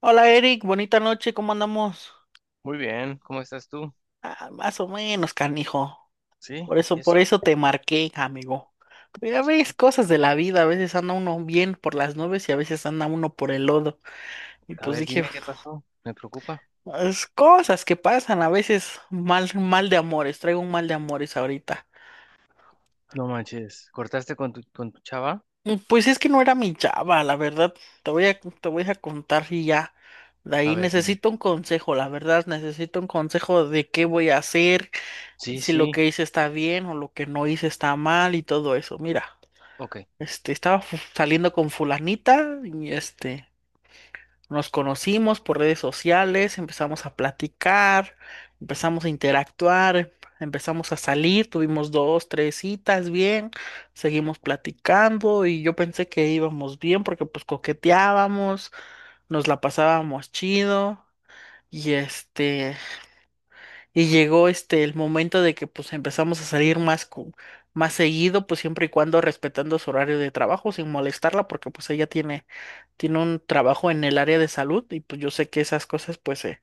Hola Eric, bonita noche, ¿cómo andamos? Muy bien, ¿cómo estás tú? Ah, más o menos, canijo. ¿Sí? Por ¿Y eso, por eso? eso te marqué, amigo. Ya ves, cosas de la vida, a veces anda uno bien por las nubes y a veces anda uno por el lodo. Y A pues ver, dije, dime qué pasó. Me preocupa. es cosas que pasan, a veces mal, mal de amores, traigo un mal de amores ahorita. No manches. ¿Cortaste con tu chava? Mm, pues es que no era mi chava, la verdad. Te voy a contar y ya. De A ahí ver, dime. necesito un consejo, la verdad, necesito un consejo de qué voy a hacer Sí, si lo sí. que hice está bien o lo que no hice está mal y todo eso. Mira, Ok. Estaba saliendo con fulanita y nos conocimos por redes sociales, empezamos a platicar, empezamos a interactuar, empezamos a salir, tuvimos dos, tres citas bien, seguimos platicando y yo pensé que íbamos bien porque pues coqueteábamos, nos la pasábamos chido. Y este, y llegó el momento de que pues empezamos a salir más seguido, pues siempre y cuando respetando su horario de trabajo, sin molestarla, porque pues ella tiene un trabajo en el área de salud, y pues yo sé que esas cosas pues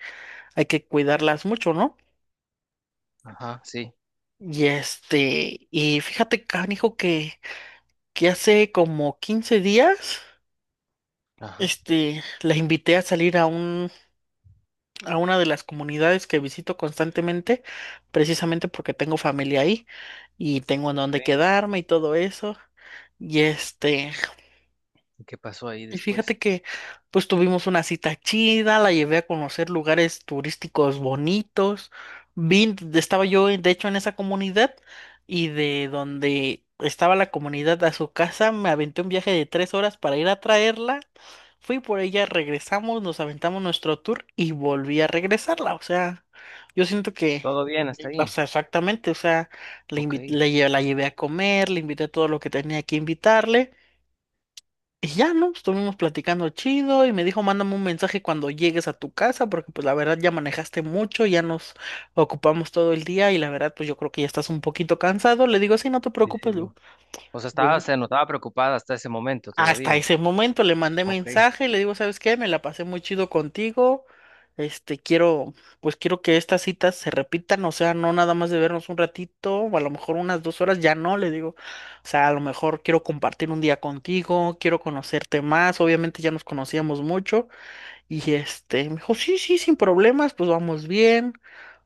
hay que cuidarlas mucho, ¿no? Ajá, sí. Y fíjate, canijo, que hace como 15 días, Ajá. La invité a salir a un a una de las comunidades que visito constantemente, precisamente porque tengo familia ahí y tengo en Ok. dónde quedarme y todo eso. Y este, ¿Y qué pasó ahí y después? fíjate que pues tuvimos una cita chida, la llevé a conocer lugares turísticos bonitos. Estaba yo de hecho en esa comunidad y de donde estaba la comunidad a su casa me aventé un viaje de 3 horas para ir a traerla. Fui por ella, regresamos, nos aventamos nuestro tour y volví a regresarla. O sea, yo siento que, ¿Todo bien hasta o ahí? sea, exactamente, o sea, le Ok. invi- Sí, le lle- la llevé a comer, le invité todo lo que tenía que invitarle. Y ya, ¿no? Estuvimos platicando chido y me dijo, mándame un mensaje cuando llegues a tu casa, porque pues la verdad ya manejaste mucho, ya nos ocupamos todo el día y la verdad pues yo creo que ya estás un poquito cansado. Le digo, sí, no te sí. Sí. preocupes, Lu. O sea, estaba, se notaba preocupada hasta ese momento Hasta todavía. ese momento le mandé Ok. mensaje, le digo, ¿sabes qué? Me la pasé muy chido contigo. Este, quiero, pues quiero que estas citas se repitan, o sea, no nada más de vernos un ratito, o a lo mejor unas 2 horas, ya no, le digo. O sea, a lo mejor quiero compartir un día contigo, quiero conocerte más, obviamente ya nos conocíamos mucho. Me dijo, sí, sí, sin problemas, pues vamos bien.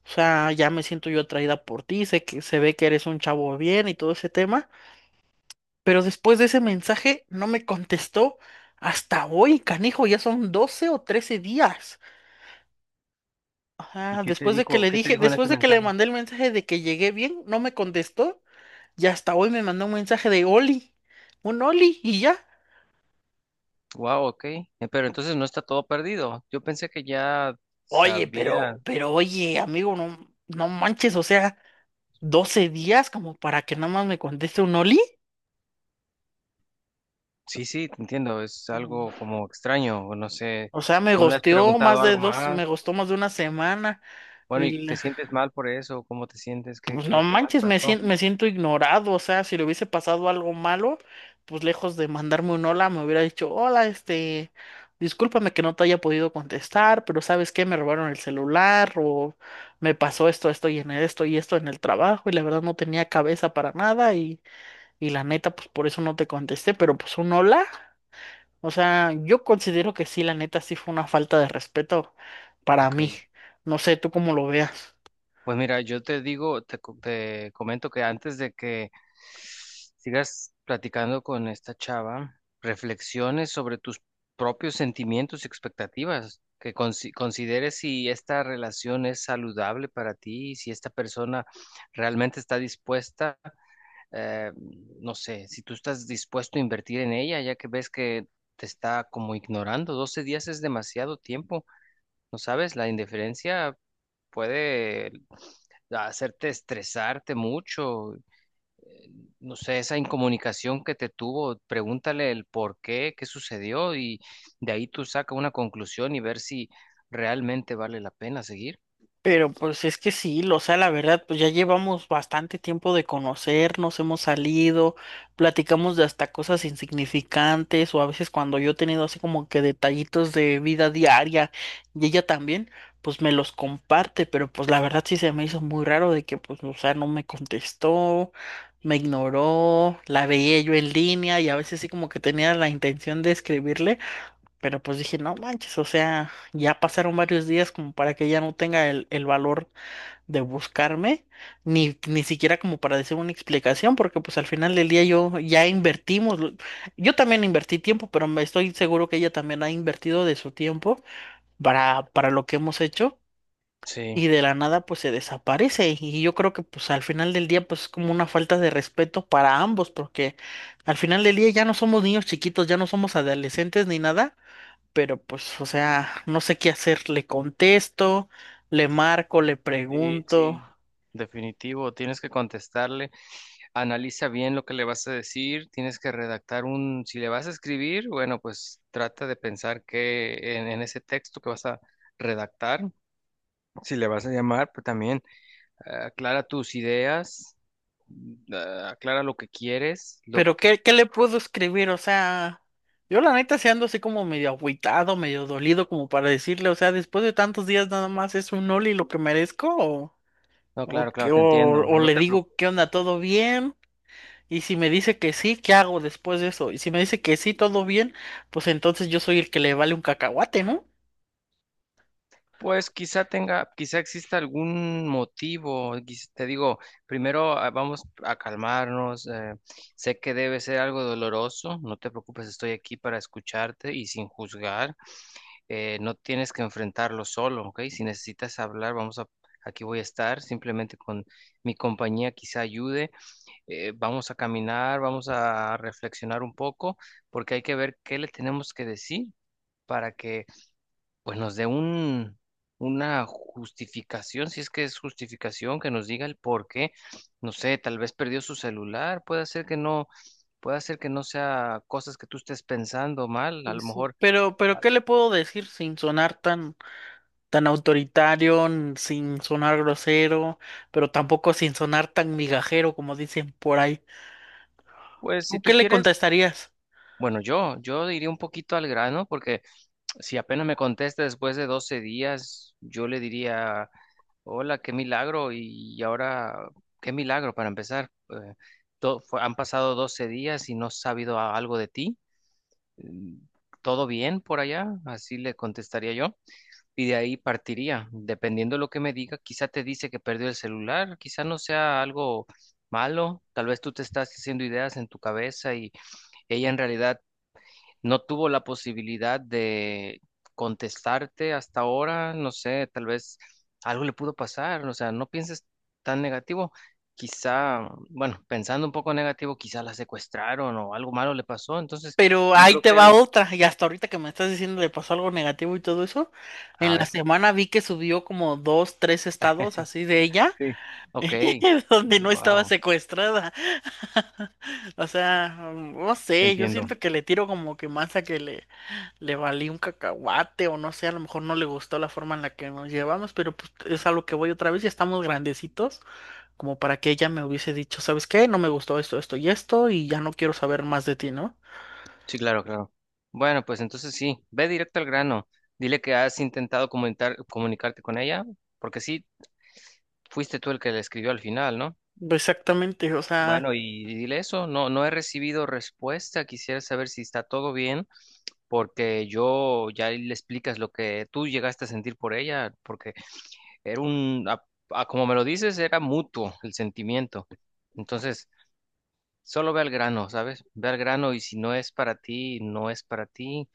O sea, ya me siento yo atraída por ti, sé que se ve que eres un chavo bien y todo ese tema. Pero después de ese mensaje no me contestó hasta hoy, canijo, ya son 12 o 13 días. ¿Y Ajá, después de que le ¿Qué te dije, dijo en después ese de que le mensaje? mandé el mensaje de que llegué bien, no me contestó, y hasta hoy me mandó un mensaje de Oli, un Oli y ya. Wow, ok. Pero entonces no está todo perdido. Yo pensé que ya Oye, sabía. pero oye, amigo, no, no manches, o sea, 12 días como para que nada más me conteste un Oli. Sí, sí, te entiendo, es Ujú. algo como extraño, o no sé, O sea, me no le has gosteó preguntado más de algo dos, más. me gustó más de una semana. Bueno, ¿y Y te sientes mal por eso? ¿Cómo te sientes? ¿Qué, pues no qué, qué más manches, me pasó? siento, me siento ignorado, o sea, si le hubiese pasado algo malo, pues lejos de mandarme un hola, me hubiera dicho, hola, discúlpame que no te haya podido contestar, pero ¿sabes qué? Me robaron el celular o me pasó esto, esto y en esto y esto en el trabajo y la verdad no tenía cabeza para nada, y la neta, pues por eso no te contesté, pero pues un hola, o sea, yo considero que sí, la neta sí fue una falta de respeto para Ok, mí, no sé, tú cómo lo veas. pues mira, yo te digo, te comento que antes de que sigas platicando con esta chava, reflexiones sobre tus propios sentimientos y expectativas, que consideres si esta relación es saludable para ti, si esta persona realmente está dispuesta. eh, no sé, si tú estás dispuesto a invertir en ella, ya que ves que te está como ignorando, 12 días es demasiado tiempo, ¿no sabes? La indiferencia puede hacerte estresarte mucho. eh, no sé, esa incomunicación que te tuvo, pregúntale el por qué, qué sucedió, y de ahí tú saca una conclusión y ver si realmente vale la pena seguir. Pero pues es que sí, o sea, la verdad, pues ya llevamos bastante tiempo de conocernos, hemos salido, platicamos de hasta cosas insignificantes o a veces cuando yo he tenido así como que detallitos de vida diaria y ella también, pues me los comparte, pero pues la verdad sí se me hizo muy raro de que pues, o sea, no me contestó, me ignoró, la veía yo en línea y a veces sí como que tenía la intención de escribirle. Pero pues dije, no manches, o sea, ya pasaron varios días como para que ella no tenga el valor de buscarme, ni siquiera como para decir una explicación, porque pues al final del día yo ya invertimos, yo también invertí tiempo, pero me estoy seguro que ella también ha invertido de su tiempo para lo que hemos hecho, Sí, y de la nada pues se desaparece, y yo creo que pues al final del día pues es como una falta de respeto para ambos, porque al final del día ya no somos niños chiquitos, ya no somos adolescentes ni nada, pero pues, o sea, no sé qué hacer. Le contesto, le marco, le sí, pregunto, sí. Definitivo, tienes que contestarle. Analiza bien lo que le vas a decir, tienes que redactar si le vas a escribir, bueno, pues trata de pensar que en ese texto que vas a redactar, si le vas a llamar, pues también, aclara tus ideas. Aclara lo que quieres, lo pero que... ¿qué le puedo escribir? O sea, yo la neta se ando así como medio agüitado, medio dolido, como para decirle, o sea, después de tantos días nada más es un Oli lo que merezco, o, No, o, claro, qué- claro, o, te entiendo, o no le te digo, preocupes. ¿qué onda? ¿Todo bien? Y si me dice que sí, ¿qué hago después de eso? Y si me dice que sí, todo bien, pues entonces yo soy el que le vale un cacahuate, ¿no? Pues quizá tenga, quizá exista algún motivo. Te digo, primero, vamos a calmarnos. Sé que debe ser algo doloroso. No te preocupes, estoy aquí para escucharte y sin juzgar. No tienes que enfrentarlo solo, ¿ok? Si necesitas hablar, aquí voy a estar. Simplemente con mi compañía quizá ayude. Vamos a caminar, vamos a reflexionar un poco, porque hay que ver qué le tenemos que decir, para que pues nos dé una justificación, si es que es justificación, que nos diga el por qué. No sé, tal vez perdió su celular, puede ser que no, puede ser que no sea cosas que tú estés pensando mal, a Sí, lo sí. mejor. Pero ah, ¿qué le puedo decir sin sonar tan autoritario, sin sonar grosero, pero tampoco sin sonar tan migajero como dicen por ahí. pues si ¿Tú qué tú le quieres, contestarías? bueno, yo iría un poquito al grano, porque si apenas me contesta después de 12 días, yo le diría, hola, qué milagro, y ahora, qué milagro para empezar. Han pasado 12 días y no has sabido algo de ti. mm, ¿Todo bien por allá? Así le contestaría yo. Y de ahí partiría. Dependiendo de lo que me diga, quizá te dice que perdió el celular, quizá no sea algo malo. Tal vez tú te estás haciendo ideas en tu cabeza y ella en realidad no tuvo la posibilidad de contestarte hasta ahora. No sé, tal vez algo le pudo pasar. O sea, no pienses tan negativo. Quizá, bueno, pensando un poco negativo, quizá la secuestraron o algo malo le pasó. Entonces, Pero yo ahí creo te que... va otra, y hasta ahorita que me estás diciendo le pasó algo negativo y todo eso, A en la ver. semana vi que subió como dos, tres estados así de ella, Sí, ok, donde no estaba wow, secuestrada. O sea, no sé, yo entiendo. siento que le tiro como que más a que le valí un cacahuate, o no sé, a lo mejor no le gustó la forma en la que nos llevamos, pero pues es a lo que voy, otra vez, ya estamos grandecitos, como para que ella me hubiese dicho, ¿sabes qué? No me gustó esto, esto y esto, y ya no quiero saber más de ti, ¿no? Sí, claro, claro. Bueno, pues entonces sí, ve directo al grano. Dile que has intentado comunicarte con ella, porque sí, fuiste tú el que le escribió al final, ¿no? Exactamente, o sea, Bueno, y dile eso, no, no he recibido respuesta, quisiera saber si está todo bien, porque, yo ya le explicas lo que tú llegaste a sentir por ella, porque era como me lo dices, era mutuo el sentimiento. Entonces, solo ve al grano, ¿sabes? Ve al grano, y si no es para ti, no es para ti.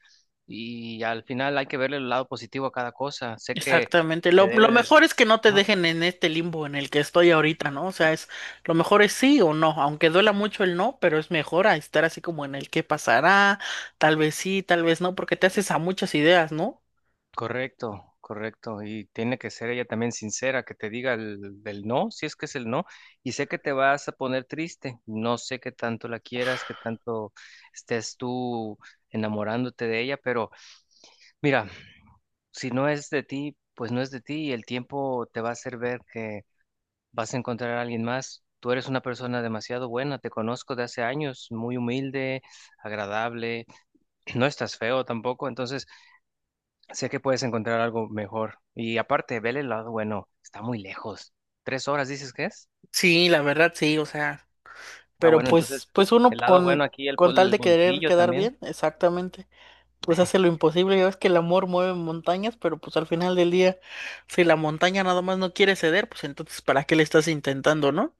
Y al final hay que verle el lado positivo a cada cosa. Sé que exactamente. te Lo debe de... mejor es que no te Ah, dejen en este limbo en el que estoy ahorita, ¿no? O sea, es lo mejor es sí o no, aunque duela mucho el no, pero es mejor a estar así como en el qué pasará, tal vez sí, tal vez no, porque te haces a muchas ideas, ¿no? Correcto, correcto. Y tiene que ser ella también sincera, que te diga del no, si es que es el no. Y sé que te vas a poner triste. No sé qué tanto la quieras, qué tanto estés tú enamorándote de ella, pero mira, si no es de ti, pues no es de ti, y el tiempo te va a hacer ver que vas a encontrar a alguien más. Tú eres una persona demasiado buena, te conozco de hace años, muy humilde, agradable, no estás feo tampoco, entonces sé que puedes encontrar algo mejor. Y aparte, vele el lado bueno, está muy lejos. ¿3 horas dices que es? Sí, la verdad, sí, o sea. Ah, Pero bueno, entonces pues uno, el lado con, bueno aquí, con tal el de querer bolsillo quedar también. bien, exactamente, pues hace lo imposible. Ya ves que el amor mueve montañas, pero pues al final del día, si la montaña nada más no quiere ceder, pues entonces ¿para qué le estás intentando, no?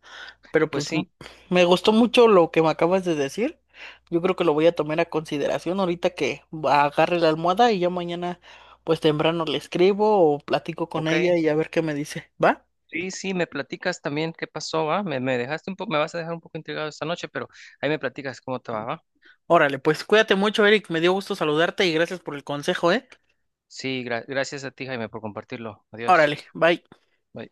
Pero Pues pues sí, me gustó mucho lo que me acabas de decir. Yo creo que lo voy a tomar a consideración ahorita que agarre la almohada y ya mañana, pues temprano le escribo o platico con ok. ella y a ver qué me dice. ¿Va? Sí, sí, me platicas también qué pasó, ¿va? Me dejaste un poco, me vas a dejar un poco intrigado esta noche, pero ahí me platicas cómo te va, ¿va? Órale, pues cuídate mucho, Eric. Me dio gusto saludarte y gracias por el consejo, ¿eh? Sí, gracias a ti, Jaime, por compartirlo. Adiós. Órale, bye. Bye.